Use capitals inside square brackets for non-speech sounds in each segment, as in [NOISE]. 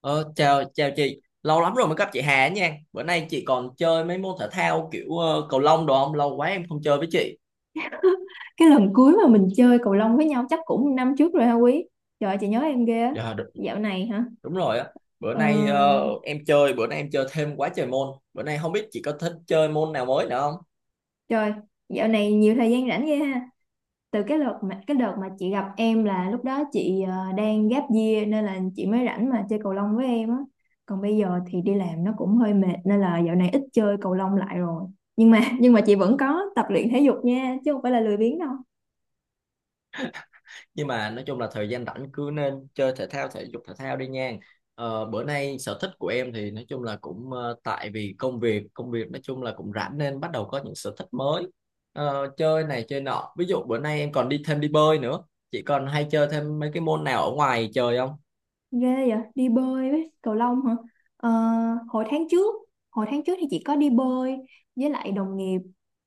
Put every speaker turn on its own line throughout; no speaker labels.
Ờ, chào chào chị, lâu lắm rồi mới gặp chị Hà nha. Bữa nay chị còn chơi mấy môn thể thao kiểu cầu lông đồ không? Lâu quá em không chơi với chị.
Cái lần cuối mà mình chơi cầu lông với nhau chắc cũng năm trước rồi ha, Quý? Trời ơi, chị nhớ em ghê á.
Dạ, đúng,
Dạo này hả?
đúng rồi á. Bữa
ờ,
nay em chơi thêm quá trời môn. Bữa nay không biết chị có thích chơi môn nào mới nữa không?
Trời. Dạo này nhiều thời gian rảnh ghê ha. Từ cái đợt mà chị gặp em là lúc đó chị đang gap year, nên là chị mới rảnh mà chơi cầu lông với em á. Còn bây giờ thì đi làm nó cũng hơi mệt nên là dạo này ít chơi cầu lông lại rồi. Nhưng mà chị vẫn có tập luyện thể dục nha, chứ không phải là lười biếng đâu.
Nhưng mà nói chung là thời gian rảnh cứ nên chơi thể thao, thể dục thể thao đi nha. Bữa nay sở thích của em thì nói chung là cũng tại vì công việc nói chung là cũng rảnh nên bắt đầu có những sở thích mới. Chơi này chơi nọ, ví dụ bữa nay em còn đi thêm đi bơi nữa. Chị còn hay chơi thêm mấy cái môn nào ở ngoài trời không?
Ghê vậy, đi bơi với cầu lông hả? Ờ, hồi tháng trước, hồi tháng trước thì chị có đi bơi với lại đồng nghiệp.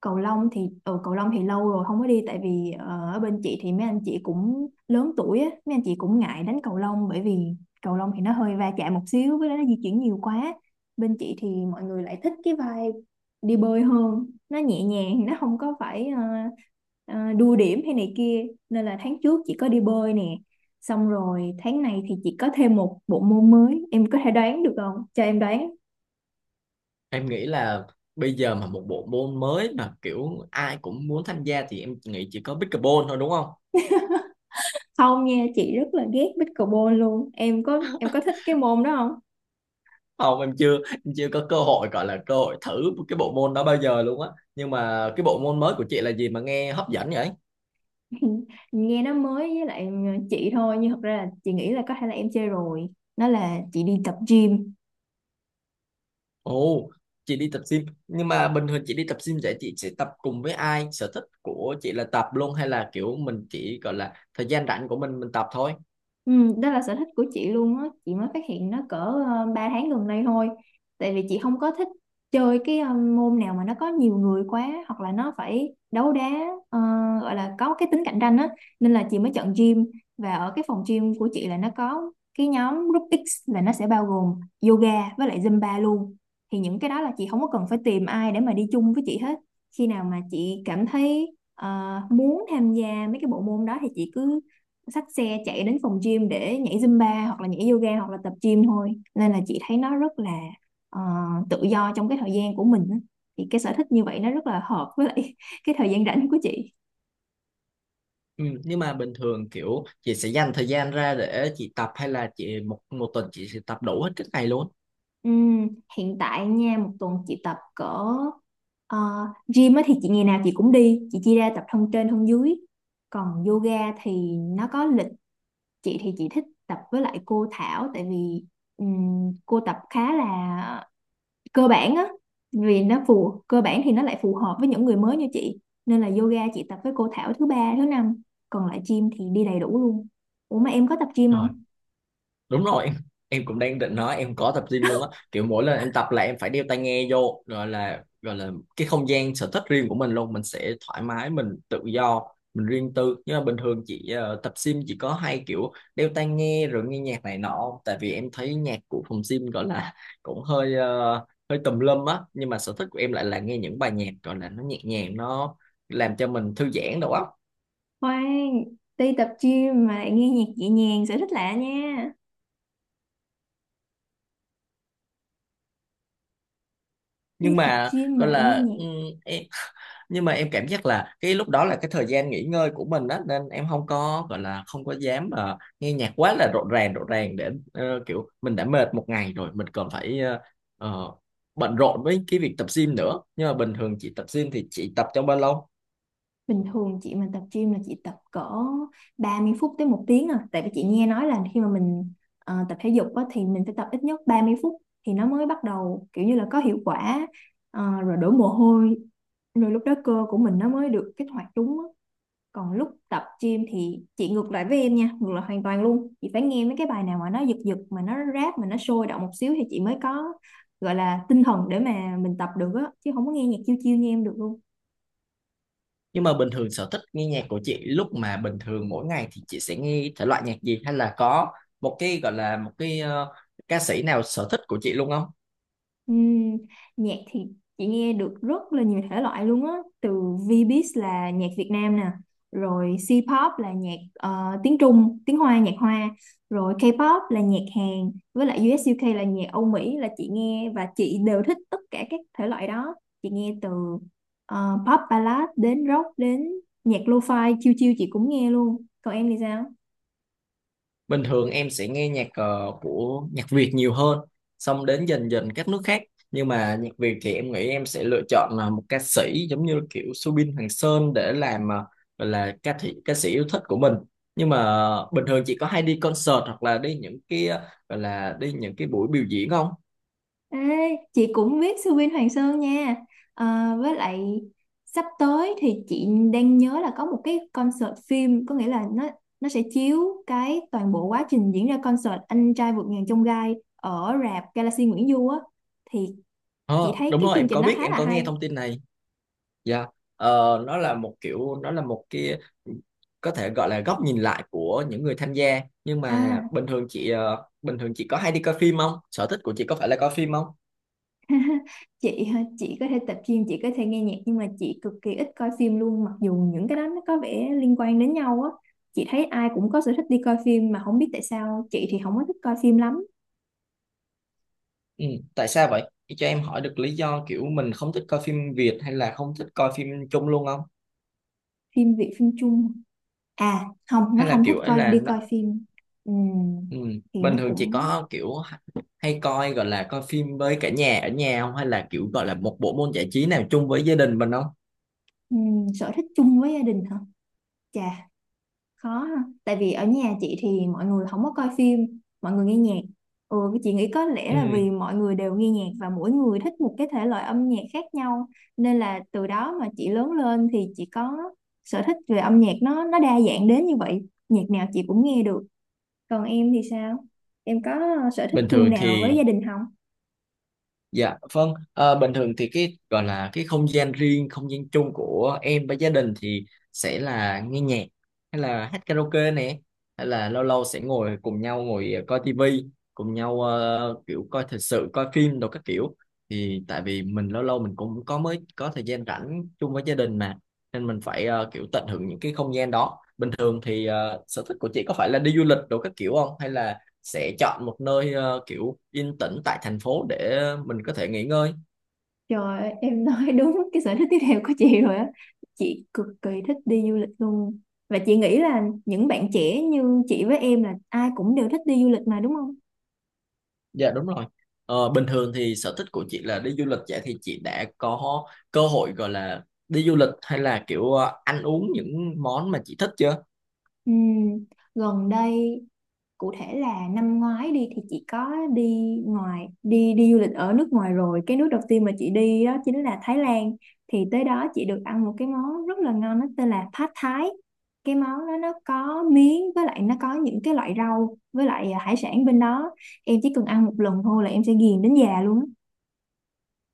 Cầu lông thì lâu rồi không có đi, tại vì ở bên chị thì mấy anh chị cũng lớn tuổi á, mấy anh chị cũng ngại đánh cầu lông, bởi vì cầu lông thì nó hơi va chạm một xíu, với lại nó di chuyển nhiều quá. Bên chị thì mọi người lại thích cái vibe đi bơi hơn, nó nhẹ nhàng, nó không có phải đua điểm hay này kia, nên là tháng trước chị có đi bơi nè. Xong rồi tháng này thì chị có thêm một bộ môn mới. Em có thể đoán được không? Cho em đoán.
Em nghĩ là bây giờ mà một bộ môn mới mà kiểu ai cũng muốn tham gia thì em nghĩ chỉ có pickleball thôi, đúng không?
Không nha, chị rất là ghét pickleball luôn. Em có thích cái môn đó không?
Không, em chưa có cơ hội, gọi là cơ hội thử cái bộ môn đó bao giờ luôn á. Nhưng mà cái bộ môn mới của chị là gì mà nghe hấp dẫn vậy?
[LAUGHS] Nghe nó mới với lại chị thôi. Nhưng thật ra là chị nghĩ là có thể là em chơi rồi. Nó là chị đi tập gym.
Ồ, chị đi tập gym. Nhưng mà bình thường chị đi tập gym vậy chị sẽ tập cùng với ai? Sở thích của chị là tập luôn hay là kiểu mình chỉ gọi là thời gian rảnh của mình tập thôi?
Ừ, đó là sở thích của chị luôn á, chị mới phát hiện nó cỡ 3 tháng gần đây thôi. Tại vì chị không có thích chơi cái môn nào mà nó có nhiều người quá, hoặc là nó phải đấu đá, ờ, gọi là có cái tính cạnh tranh á, nên là chị mới chọn gym. Và ở cái phòng gym của chị là nó có cái nhóm group X, là nó sẽ bao gồm yoga với lại Zumba luôn. Thì những cái đó là chị không có cần phải tìm ai để mà đi chung với chị hết. Khi nào mà chị cảm thấy muốn tham gia mấy cái bộ môn đó thì chị cứ xách xe chạy đến phòng gym để nhảy Zumba, hoặc là nhảy yoga, hoặc là tập gym thôi, nên là chị thấy nó rất là ờ, tự do trong cái thời gian của mình á. Thì cái sở thích như vậy nó rất là hợp với lại [LAUGHS] cái thời gian rảnh của chị.
Ừ, nhưng mà bình thường kiểu chị sẽ dành thời gian ra để chị tập, hay là chị một một tuần chị sẽ tập đủ hết cái ngày luôn?
Ừm, Hiện tại nha, một tuần chị tập cỡ ờ, gym á thì chị ngày nào chị cũng đi, chị chia ra tập thân trên thân dưới. Còn yoga thì nó có lịch. Chị thì chị thích tập với lại cô Thảo, tại vì cô tập khá là cơ bản á. Vì nó cơ bản thì nó lại phù hợp với những người mới như chị, nên là yoga chị tập với cô Thảo thứ ba thứ năm, còn lại gym thì đi đầy đủ luôn. Ủa mà em có tập gym không?
Đúng rồi em. Em cũng đang định nói em có tập gym luôn á, kiểu mỗi lần em tập là em phải đeo tai nghe vô, gọi là cái không gian sở thích riêng của mình luôn, mình sẽ thoải mái, mình tự do, mình riêng tư. Nhưng mà bình thường chị tập gym chỉ có hay kiểu đeo tai nghe rồi nghe nhạc này nọ không? Tại vì em thấy nhạc của phòng gym gọi là cũng hơi hơi tùm lum á. Nhưng mà sở thích của em lại là nghe những bài nhạc gọi là nó nhẹ nhàng, nó làm cho mình thư giãn đầu óc.
Khoan, đi tập gym mà lại nghe nhạc nhẹ nhàng, sở thích lạ nha. Đi
Nhưng
tập
mà
gym mà
gọi
lại nghe
là
nhạc.
ừ, em nhưng mà em cảm giác là cái lúc đó là cái thời gian nghỉ ngơi của mình á, nên em không có gọi là không có dám nghe nhạc quá là rộn ràng để kiểu mình đã mệt một ngày rồi mình còn phải ờ, bận rộn với cái việc tập gym nữa. Nhưng mà bình thường chị tập gym thì chị tập trong bao lâu?
Bình thường chị mà tập gym là chị tập cỡ 30 phút tới một tiếng, à tại vì chị nghe nói là khi mà mình tập thể dục á, thì mình phải tập ít nhất 30 phút thì nó mới bắt đầu kiểu như là có hiệu quả. Ờ, rồi đổ mồ hôi, rồi lúc đó cơ của mình nó mới được kích hoạt đúng á. Còn lúc tập gym thì chị ngược lại với em nha, ngược lại hoàn toàn luôn. Chị phải nghe mấy cái bài nào mà nó giật giật, mà nó rap, mà nó sôi động một xíu thì chị mới có gọi là tinh thần để mà mình tập được á, chứ không có nghe nhạc chiêu chiêu như em được luôn.
Nhưng mà bình thường sở thích nghe nhạc của chị lúc mà bình thường mỗi ngày thì chị sẽ nghe thể loại nhạc gì, hay là có một cái gọi là một cái ca sĩ nào sở thích của chị luôn không?
Ừm, Nhạc thì chị nghe được rất là nhiều thể loại luôn á. Từ Vbiz là nhạc Việt Nam nè, rồi C-pop là nhạc tiếng Trung, tiếng Hoa, nhạc Hoa, rồi K-pop là nhạc Hàn, với lại US UK là nhạc Âu Mỹ, là chị nghe và chị đều thích tất cả các thể loại đó. Chị nghe từ pop ballad đến rock đến nhạc lo-fi chill chill chị cũng nghe luôn. Còn em thì sao?
Bình thường em sẽ nghe nhạc của nhạc Việt nhiều hơn, xong đến dần dần các nước khác. Nhưng mà nhạc Việt thì em nghĩ em sẽ lựa chọn là một ca sĩ giống như kiểu Subin Hoàng Sơn để làm gọi là ca sĩ yêu thích của mình. Nhưng mà bình thường chị có hay đi concert hoặc là đi những cái gọi là đi những cái buổi biểu diễn không?
Ê, chị cũng biết Sư Vin Hoàng Sơn nha. Ờ, với lại sắp tới thì chị đang nhớ là có một cái concert phim, có nghĩa là nó sẽ chiếu cái toàn bộ quá trình diễn ra concert Anh trai vượt ngàn chông gai ở rạp Galaxy Nguyễn Du á, thì chị
Ờ,
thấy
đúng
cái
rồi,
chương
em
trình
có
nó
biết,
khá
em
là
có nghe
hay.
thông tin này. Dạ, ờ, nó là một kiểu, nó là một cái có thể gọi là góc nhìn lại của những người tham gia. Nhưng mà
À,
bình thường chị bình thường chị có hay đi coi phim không? Sở thích của chị có phải là coi phim không?
chị hả? Chị có thể tập gym, chị có thể nghe nhạc, nhưng mà chị cực kỳ ít coi phim luôn, mặc dù những cái đó nó có vẻ liên quan đến nhau á. Chị thấy ai cũng có sở thích đi coi phim mà không biết tại sao chị thì không có thích coi phim lắm.
Ừ, tại sao vậy chị? Cho em hỏi được lý do kiểu mình không thích coi phim Việt hay là không thích coi phim chung luôn không?
Phim Việt, phim Trung, à không,
Hay
nó
là
không thích
kiểu ấy
coi,
là
đi
nó-
coi phim. Ừm,
ừ,
thì
bình
nó
thường chị
cũng
có kiểu hay coi, gọi là coi phim với cả nhà ở nhà không? Hay là kiểu gọi là một bộ môn giải trí nào chung với gia đình mình không?
sở thích chung với gia đình hả? Chà, khó ha, tại vì ở nhà chị thì mọi người không có coi phim, mọi người nghe nhạc. Ừ, cái chị nghĩ có lẽ là
Ừ,
vì mọi người đều nghe nhạc và mỗi người thích một cái thể loại âm nhạc khác nhau, nên là từ đó mà chị lớn lên thì chị có sở thích về âm nhạc, nó đa dạng đến như vậy. Nhạc nào chị cũng nghe được. Còn em thì sao? Em có sở thích
bình
chung
thường
nào với
thì
gia đình không?
dạ vâng, ờ, bình thường thì cái gọi là cái không gian riêng, không gian chung của em với gia đình thì sẽ là nghe nhạc, hay là hát karaoke nè, hay là lâu lâu sẽ ngồi cùng nhau ngồi coi tivi, cùng nhau kiểu coi thời sự, coi phim đồ các kiểu. Thì tại vì mình lâu lâu mình cũng có mới có thời gian rảnh chung với gia đình mà, nên mình phải kiểu tận hưởng những cái không gian đó. Bình thường thì sở thích của chị có phải là đi du lịch đồ các kiểu không, hay là sẽ chọn một nơi kiểu yên tĩnh tại thành phố để mình có thể nghỉ ngơi.
Trời ơi, em nói [LAUGHS] đúng cái sở thích tiếp theo của chị rồi á. Chị cực kỳ thích đi du lịch luôn. Và chị nghĩ là những bạn trẻ như chị với em là ai cũng đều thích đi du lịch mà, đúng không?
Dạ đúng rồi. Ờ, bình thường thì sở thích của chị là đi du lịch, vậy thì chị đã có cơ hội gọi là đi du lịch hay là kiểu ăn uống những món mà chị thích chưa?
Ừm, Gần đây, cụ thể là năm ngoái đi thì chị có đi ngoài đi đi du lịch ở nước ngoài, rồi cái nước đầu tiên mà chị đi đó chính là Thái Lan. Thì tới đó chị được ăn một cái món rất là ngon, nó tên là Pad Thai. Cái món đó nó có miến, với lại nó có những cái loại rau, với lại à, hải sản bên đó. Em chỉ cần ăn một lần thôi là em sẽ ghiền đến già luôn á.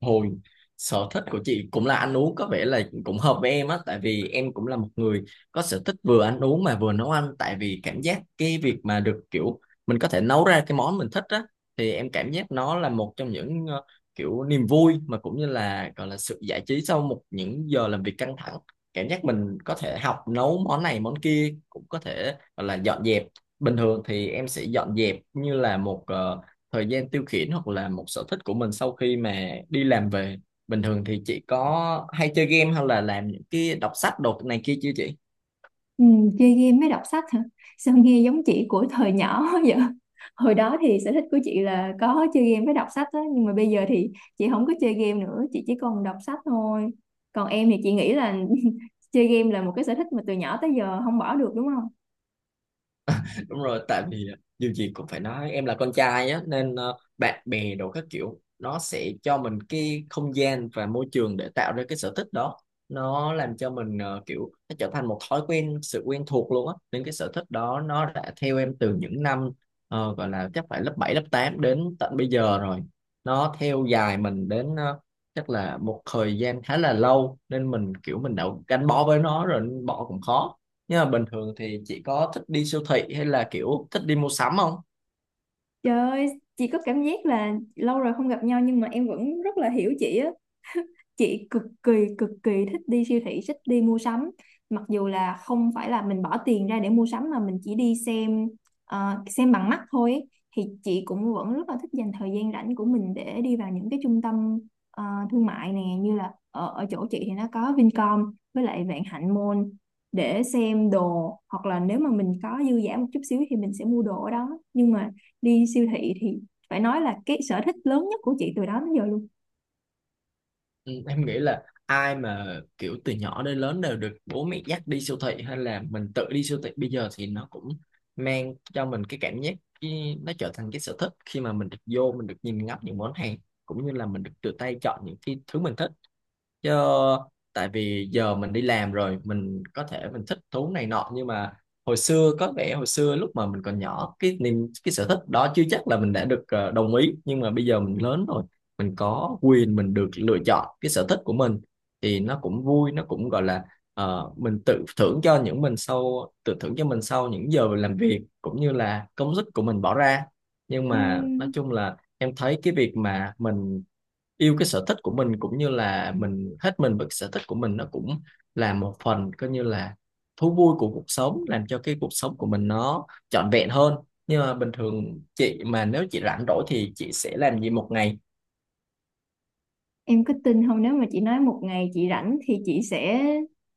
Hồi sở thích của chị cũng là ăn uống có vẻ là cũng hợp với em á, tại vì em cũng là một người có sở thích vừa ăn uống mà vừa nấu ăn. Tại vì cảm giác cái việc mà được kiểu mình có thể nấu ra cái món mình thích á, thì em cảm giác nó là một trong những kiểu niềm vui mà cũng như là gọi là sự giải trí sau một những giờ làm việc căng thẳng. Cảm giác mình có thể học nấu món này món kia, cũng có thể gọi là dọn dẹp. Bình thường thì em sẽ dọn dẹp như là một thời gian tiêu khiển hoặc là một sở thích của mình sau khi mà đi làm về. Bình thường thì chị có hay chơi game hay là làm những cái đọc sách đột này kia chưa chị?
Ừ, chơi game mới đọc sách hả? Sao nghe giống chị của thời nhỏ [LAUGHS] vậy? Hồi đó thì sở thích của chị là có chơi game với đọc sách á, nhưng mà bây giờ thì chị không có chơi game nữa, chị chỉ còn đọc sách thôi. Còn em thì chị nghĩ là [LAUGHS] chơi game là một cái sở thích mà từ nhỏ tới giờ không bỏ được đúng không?
Đúng rồi, tại vì dù gì cũng phải nói em là con trai á, nên bạn bè đồ các kiểu nó sẽ cho mình cái không gian và môi trường để tạo ra cái sở thích đó. Nó làm cho mình kiểu nó trở thành một thói quen, sự quen thuộc luôn á, nên cái sở thích đó nó đã theo em từ những năm gọi là chắc phải lớp 7, lớp 8 đến tận bây giờ rồi. Nó theo dài mình đến chắc là một thời gian khá là lâu nên mình kiểu mình đã gắn bó với nó rồi nên bỏ cũng khó. Nhưng mà bình thường thì chị có thích đi siêu thị hay là kiểu thích đi mua sắm không?
Trời ơi, chị có cảm giác là lâu rồi không gặp nhau nhưng mà em vẫn rất là hiểu chị á. Chị cực kỳ thích đi siêu thị, thích đi mua sắm, mặc dù là không phải là mình bỏ tiền ra để mua sắm mà mình chỉ đi xem, xem bằng mắt thôi ấy. Thì chị cũng vẫn rất là thích dành thời gian rảnh của mình để đi vào những cái trung tâm ờ, thương mại nè, như là ở chỗ chị thì nó có Vincom với lại Vạn Hạnh Mall, để xem đồ, hoặc là nếu mà mình có dư giả một chút xíu thì mình sẽ mua đồ ở đó. Nhưng mà đi siêu thị thì phải nói là cái sở thích lớn nhất của chị từ đó đến giờ luôn.
Ừ, em nghĩ là ai mà kiểu từ nhỏ đến lớn đều được bố mẹ dắt đi siêu thị hay là mình tự đi siêu thị bây giờ thì nó cũng mang cho mình cái cảm giác cái, nó trở thành cái sở thích khi mà mình được vô mình được nhìn ngắm những món hàng, cũng như là mình được tự tay chọn những cái thứ mình thích. Chứ tại vì giờ mình đi làm rồi mình có thể mình thích thú này nọ, nhưng mà hồi xưa có vẻ hồi xưa lúc mà mình còn nhỏ cái niềm cái sở thích đó chưa chắc là mình đã được đồng ý. Nhưng mà bây giờ mình lớn rồi mình có quyền mình được lựa chọn cái sở thích của mình, thì nó cũng vui, nó cũng gọi là mình tự thưởng cho những mình sau tự thưởng cho mình sau những giờ làm việc cũng như là công sức của mình bỏ ra. Nhưng mà nói
Ừm,
chung là em thấy cái việc mà mình yêu cái sở thích của mình cũng như là mình hết mình với cái sở thích của mình, nó cũng là một phần coi như là thú vui của cuộc sống, làm cho cái cuộc sống của mình nó trọn vẹn hơn. Nhưng mà bình thường chị mà nếu chị rảnh rỗi thì chị sẽ làm gì một ngày?
Em cứ tin không, nếu mà chị nói một ngày chị rảnh thì chị sẽ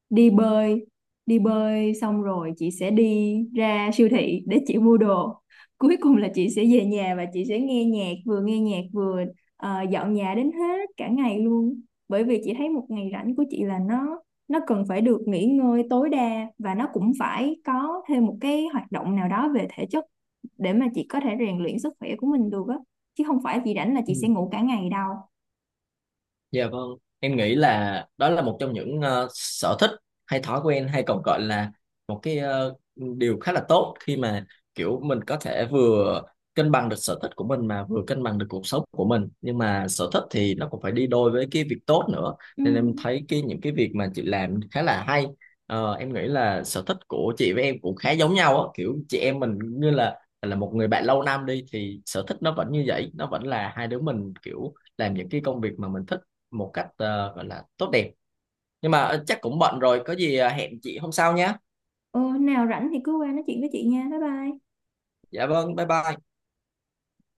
đi bơi, đi bơi xong rồi chị sẽ đi ra siêu thị để chị mua đồ. Cuối cùng là chị sẽ về nhà và chị sẽ nghe nhạc vừa dọn nhà đến hết cả ngày luôn. Bởi vì chị thấy một ngày rảnh của chị là nó cần phải được nghỉ ngơi tối đa, và nó cũng phải có thêm một cái hoạt động nào đó về thể chất để mà chị có thể rèn luyện sức khỏe của mình được á. Chứ không phải chị rảnh là chị
Ừ.
sẽ ngủ cả ngày đâu.
Dạ vâng, em nghĩ là đó là một trong những sở thích hay thói quen hay còn gọi là một cái điều khá là tốt khi mà kiểu mình có thể vừa cân bằng được sở thích của mình mà vừa cân bằng được cuộc sống của mình. Nhưng mà sở thích thì nó cũng phải đi đôi với cái việc tốt nữa.
Ừ.
Nên em thấy cái những cái việc mà chị làm khá là hay. Ờ, em nghĩ là sở thích của chị với em cũng khá giống nhau á, kiểu chị em mình như là một người bạn lâu năm đi thì sở thích nó vẫn như vậy, nó vẫn là hai đứa mình kiểu làm những cái công việc mà mình thích một cách gọi là tốt đẹp. Nhưng mà chắc cũng bận rồi, có gì hẹn chị hôm sau nhé.
Ừ, nào rảnh thì cứ qua nói chuyện với chị nha, bye bye.
Dạ vâng, bye bye.